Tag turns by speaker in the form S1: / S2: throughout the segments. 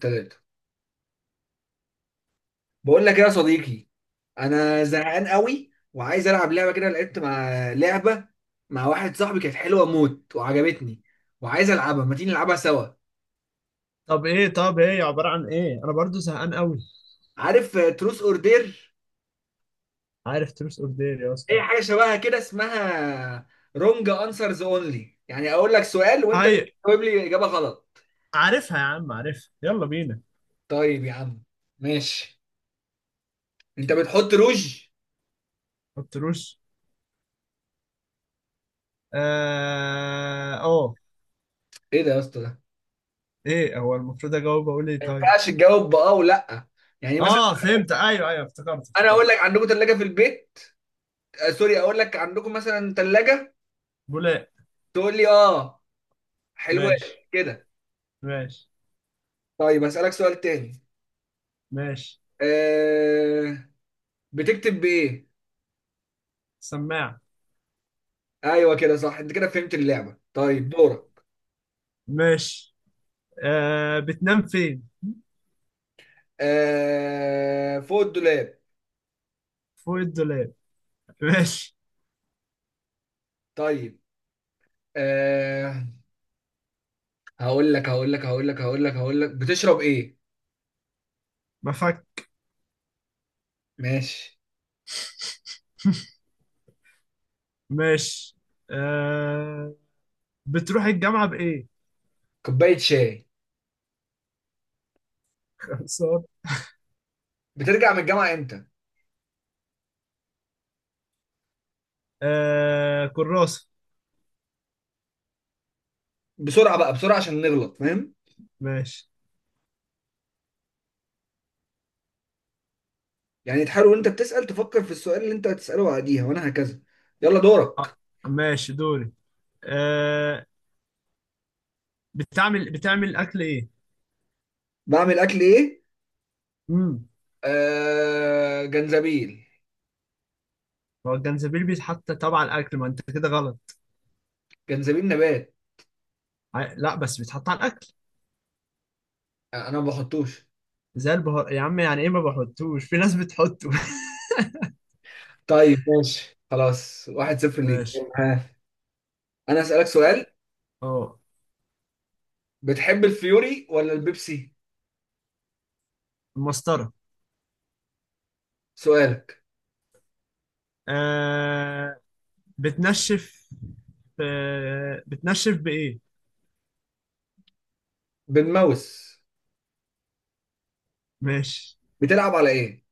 S1: ثلاثة. بقول لك ايه يا صديقي، انا زهقان قوي وعايز العب لعبه كده. لعبت مع لعبه مع واحد صاحبي، كانت حلوه موت وعجبتني وعايز العبها. ما تيجي نلعبها سوا؟
S2: طب ايه عبارة عن ايه؟ انا برضو زهقان قوي.
S1: عارف تروس اوردر،
S2: عارف تروس اوف دير يا اسطى؟
S1: اي حاجه شبهها كده اسمها رونج انسرز اونلي، يعني اقول لك سؤال وانت
S2: هاي.
S1: تجاوب لي اجابه غلط.
S2: عارفها يا عم، عارفها، يلا بينا.
S1: طيب يا عم، ماشي. انت بتحط روج؟
S2: ما تروش. اه أوه.
S1: ايه ده يا اسطى ده؟
S2: ايه هو المفروض اجاوب اقول ايه
S1: ما
S2: طيب؟
S1: ينفعش تجاوب باه ولا؟ يعني مثلا
S2: اه فهمت، ايوه ايوه، افتكرت
S1: انا اقول
S2: افتكرت.
S1: لك عندكم ثلاجه في البيت. سوري، اقول لك عندكم مثلا ثلاجه،
S2: بولاق.
S1: تقول لي اه حلوة
S2: ماشي.
S1: كده.
S2: ماشي.
S1: طيب اسالك سؤال تاني.
S2: ماشي.
S1: أه بتكتب بايه؟
S2: سماعة.
S1: ايوه كده صح، انت كده فهمت اللعبه. طيب دورك.
S2: ماشي. آه، بتنام فين؟
S1: فوق الدولاب.
S2: فوق الدولاب. ماشي.
S1: طيب. أه هقول لك هقول لك هقول لك هقول لك هقول لك بتشرب ايه؟
S2: مفك.
S1: ماشي.
S2: ماشي. آه، بتروح الجامعة بإيه؟
S1: كوبايه شاي.
S2: صار.
S1: بترجع من الجامعه امتى؟
S2: آه، كراسة.
S1: بسرعه بقى، بسرعه عشان نغلط، فاهم؟
S2: ماشي.
S1: يعني تحاول وانت بتسال تفكر في السؤال اللي انت هتساله بعديها، وانا هكذا. يلا
S2: آه.
S1: دورك.
S2: ماشي دوري. آه. بتعمل اكل ايه؟
S1: بعمل اكل ايه؟
S2: امم
S1: آه، جنزبيل.
S2: هو الجنزبيل بيتحط طبعا على الاكل، ما انت كده غلط.
S1: جنزبيل نبات.
S2: لا بس بيتحط على الاكل.
S1: انا ما بحطوش.
S2: زي البهار يا عم، يعني ايه ما بحطوش، في ناس بتحطه.
S1: طيب ماشي خلاص، واحد صفر ليك.
S2: ماشي.
S1: ها، انا اسالك سؤال.
S2: اه،
S1: بتحب الفيوري ولا البيبسي؟
S2: المسطره.
S1: سؤالك.
S2: آه. بتنشف بتنشف بايه؟
S1: بالماوس.
S2: ماشي.
S1: بتلعب على ايه؟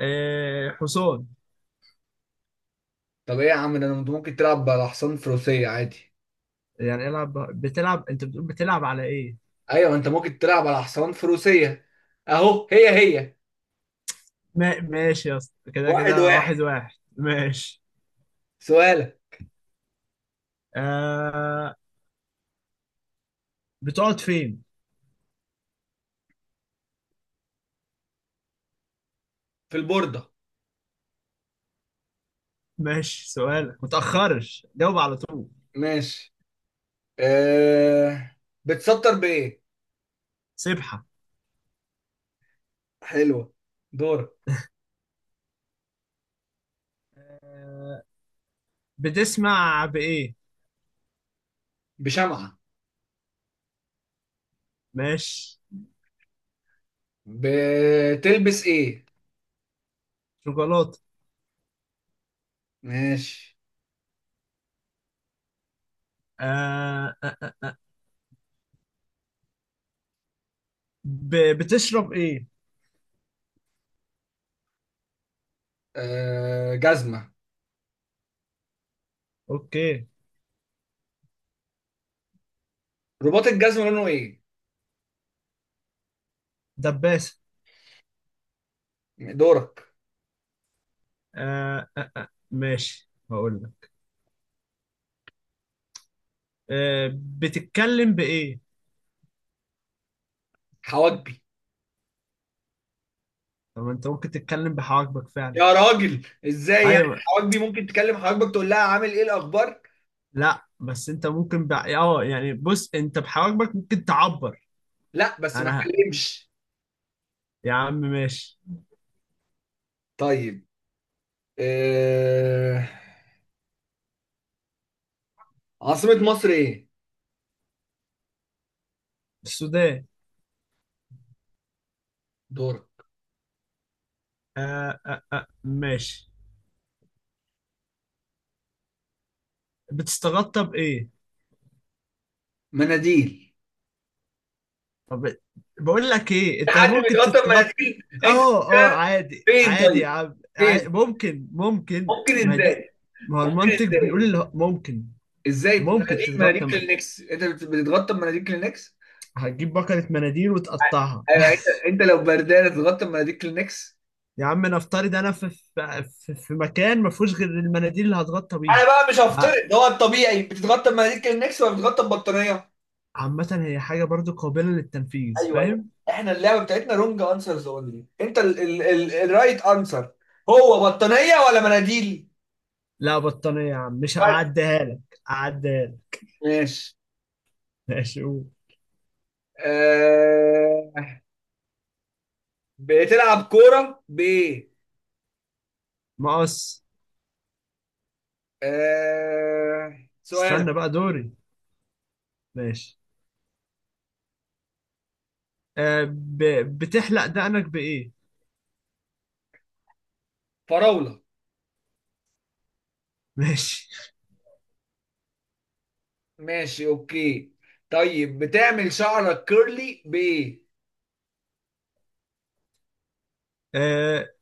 S2: آه. حصان.
S1: طب ايه يا عم ده؟ انت ممكن تلعب على حصان فروسية عادي.
S2: يعني بتلعب، انت بتقول بتلعب على ايه؟
S1: ايوه، انت ممكن تلعب على حصان فروسية. اهو، هي هي.
S2: ما... ماشي يا اسطى، كده
S1: واحد
S2: كده،
S1: واحد.
S2: واحد واحد، ماشي.
S1: سؤالك.
S2: آه، بتقعد فين؟
S1: في البوردة.
S2: ماشي، سؤالك متأخرش، جاوب على طول.
S1: ماشي. آه... بتسطر بايه؟
S2: سبحة.
S1: حلوة. دورك.
S2: بتسمع بإيه؟
S1: بشمعة.
S2: ماشي.
S1: بتلبس ايه؟
S2: شوكولاتة.
S1: ماشي.
S2: آه آه آه. بتشرب إيه؟
S1: آه، جزمة.
S2: أوكي.
S1: رباط الجزمة لونه ايه؟
S2: دباسة.
S1: دورك.
S2: آه آه آه. ماشي، هقول لك. آه، بتتكلم بإيه؟
S1: حواجبي.
S2: طب ما أنت ممكن تتكلم بحواجبك فعلا.
S1: يا راجل ازاي يعني؟
S2: أيوه.
S1: حواجبي ممكن تكلم حواجبك تقول لها عامل ايه الاخبار؟
S2: لا بس أنت ممكن ب... أه يعني بص، أنت بحواجبك ممكن تعبر.
S1: لا بس ما
S2: أنا ه-
S1: تكلمش.
S2: يا عم ماشي.
S1: طيب. آه. عاصمة مصر ايه؟
S2: السودان.
S1: دورك.
S2: آه آه آه ماشي. بتستغطى بإيه؟
S1: مناديل.
S2: طب بقول لك إيه،
S1: في
S2: أنت
S1: حد
S2: ممكن
S1: بيتغطى
S2: تتغطى.
S1: بمناديل؟ انت
S2: آه آه،
S1: بتتكلم؟
S2: عادي
S1: فين
S2: عادي
S1: طيب؟
S2: يا عم عادي.
S1: فين؟
S2: ممكن ممكن،
S1: ممكن
S2: ما هي دي.
S1: ازاي؟
S2: ما هو
S1: ممكن
S2: المنطق
S1: ازاي؟
S2: بيقول ممكن.
S1: ازاي؟
S2: ممكن
S1: مناديل؟ مناديل
S2: تتغطى ما.
S1: كلينكس؟ بتتغطى بمناديل كلينكس؟
S2: هتجيب بكرة مناديل وتقطعها
S1: ايوه انت، انت لو بردان تتغطى بمناديل كلينكس؟
S2: يا عم نفترض أنا في مكان ما فيهوش غير المناديل اللي هتغطى
S1: انا
S2: بيها.
S1: بقى مش
S2: ع-
S1: هفترض، ده هو الطبيعي؟ بتتغطى بمناديل كلينكس ولا بتتغطى ببطانيه؟
S2: عامة هي حاجة برضو قابلة للتنفيذ،
S1: ايوه ايوه.
S2: فاهم؟
S1: احنا اللعبه بتاعتنا رونج انسرز اونلي، انت ال الرايت انسر هو بطانيه ولا مناديل؟
S2: لا بطانية يا عم، مش
S1: بس.
S2: هعديها لك. هعديها لك.
S1: ماشي.
S2: ماشي قول.
S1: آه... بتلعب كورة ب...
S2: مقص. استنى
S1: سؤالك.
S2: بقى دوري. ماشي. آه ب... بتحلق دقنك بإيه؟
S1: فراولة.
S2: ماشي.
S1: ماشي، اوكي. طيب بتعمل شعرك كيرلي ب...
S2: آه،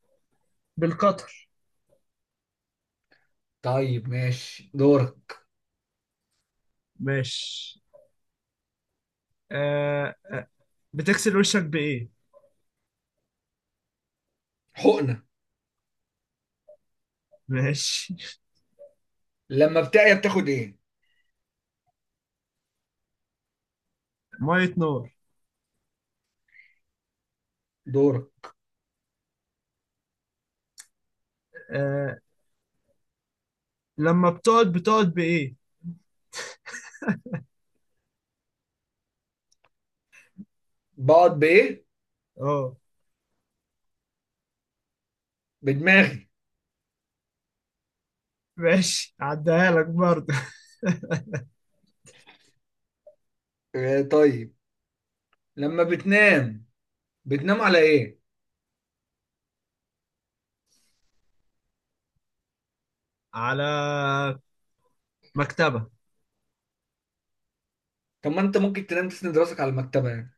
S2: بالقطر.
S1: طيب ماشي، دورك.
S2: ماشي. آه آه، بتغسل وشك بإيه؟
S1: حقنة.
S2: ماشي
S1: لما بتعيا بتاخد ايه؟
S2: مية نور.
S1: دورك.
S2: آه، لما بتقعد بإيه؟
S1: بقعد بايه؟
S2: اه.
S1: بدماغي.
S2: ماشي، عديها لك برضه.
S1: طيب. لما بتنام بتنام على ايه؟
S2: على مكتبة.
S1: طب ما انت ممكن تنام تسند راسك على المكتبه يعني.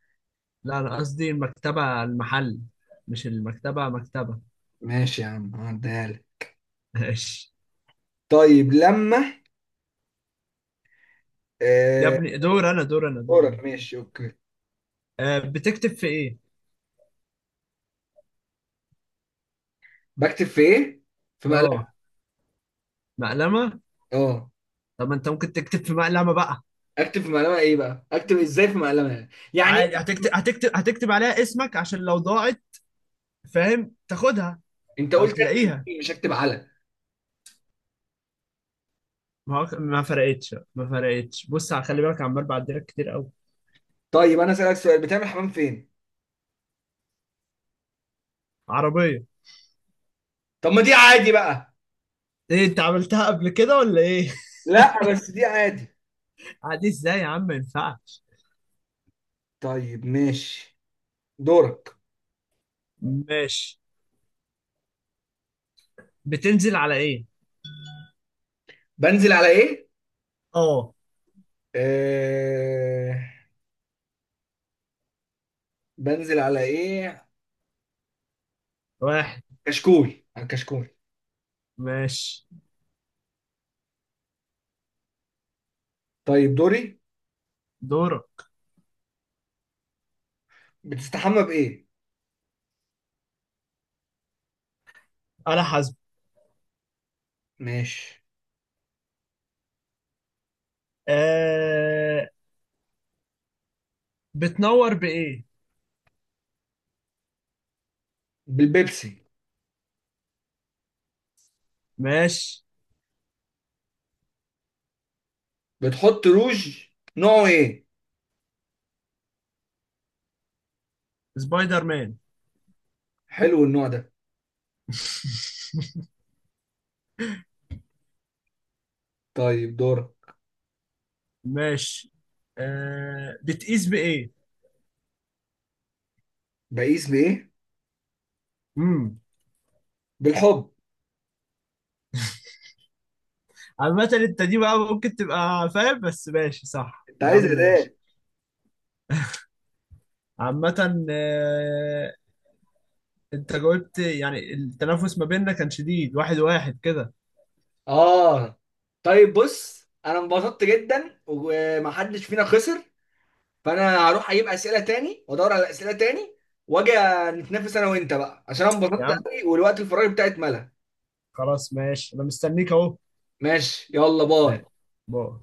S2: لا أنا قصدي المكتبة المحل، مش المكتبة مكتبة.
S1: ماشي يا عم، هعديها لك.
S2: ماشي.
S1: طيب لما...
S2: يا
S1: آه
S2: ابني دور أنا، دور أنا، دور
S1: دورك،
S2: أنا.
S1: ماشي، اوكي.
S2: آه، بتكتب في إيه؟
S1: بكتب في ايه؟ في مقلمه.
S2: اه. مقلمة.
S1: اه.
S2: طب ما انت ممكن تكتب في مقلمة بقى.
S1: اكتب في مقلمه ايه بقى؟ اكتب ازاي في مقلمه؟ يعني
S2: عادي،
S1: إيه؟
S2: هتكتب هتكتب هتكتب عليها اسمك عشان لو ضاعت، فاهم، تاخدها
S1: انت
S2: او
S1: قلت اكتب
S2: تلاقيها.
S1: فيه، مش اكتب على.
S2: ما فرقتش ما فرقتش، خلي بالك، عمال بعدلك كتير قوي.
S1: طيب انا اسالك سؤال، بتعمل حمام فين؟
S2: عربية.
S1: طب ما دي عادي بقى.
S2: ايه انت عملتها قبل كده ولا ايه؟
S1: لا بس دي عادي.
S2: عادي ازاي يا عم، ما ينفعش.
S1: طيب ماشي، دورك.
S2: ماشي. بتنزل على ايه؟
S1: بنزل على ايه؟
S2: اه.
S1: آه... بنزل على ايه؟
S2: واحد.
S1: كشكول. على الكشكول.
S2: ماشي.
S1: طيب دوري.
S2: دورة.
S1: بتستحمى بايه؟
S2: على حسب.
S1: ماشي.
S2: آه. بتنور بايه؟
S1: بالبيبسي.
S2: ماشي.
S1: بتحط روج، نوعه ايه؟
S2: سبايدر مان.
S1: حلو النوع ده. طيب دورك.
S2: ماشي. آه، بتقيس بايه؟
S1: بقيس بايه؟
S2: امم.
S1: بالحب.
S2: عامة انت دي بقى ممكن تبقى فاهم، بس ماشي صح
S1: انت
S2: يا عم
S1: عايز
S2: ماشي.
S1: ايه؟
S2: عامة آه، انت جاوبت، يعني التنافس ما بيننا كان شديد، واحد واحد كده.
S1: اه، طيب بص. انا انبسطت جدا ومحدش فينا خسر، فانا هروح اجيب اسئله تاني وادور على اسئله تاني واجي نتنافس انا وانت بقى، عشان انا
S2: يا
S1: انبسطت
S2: عم
S1: قوي والوقت الفراغ بتاعي اتملى.
S2: خلاص ماشي، انا مستنيك اهو.
S1: ماشي، يلا باي.
S2: آه، بقى.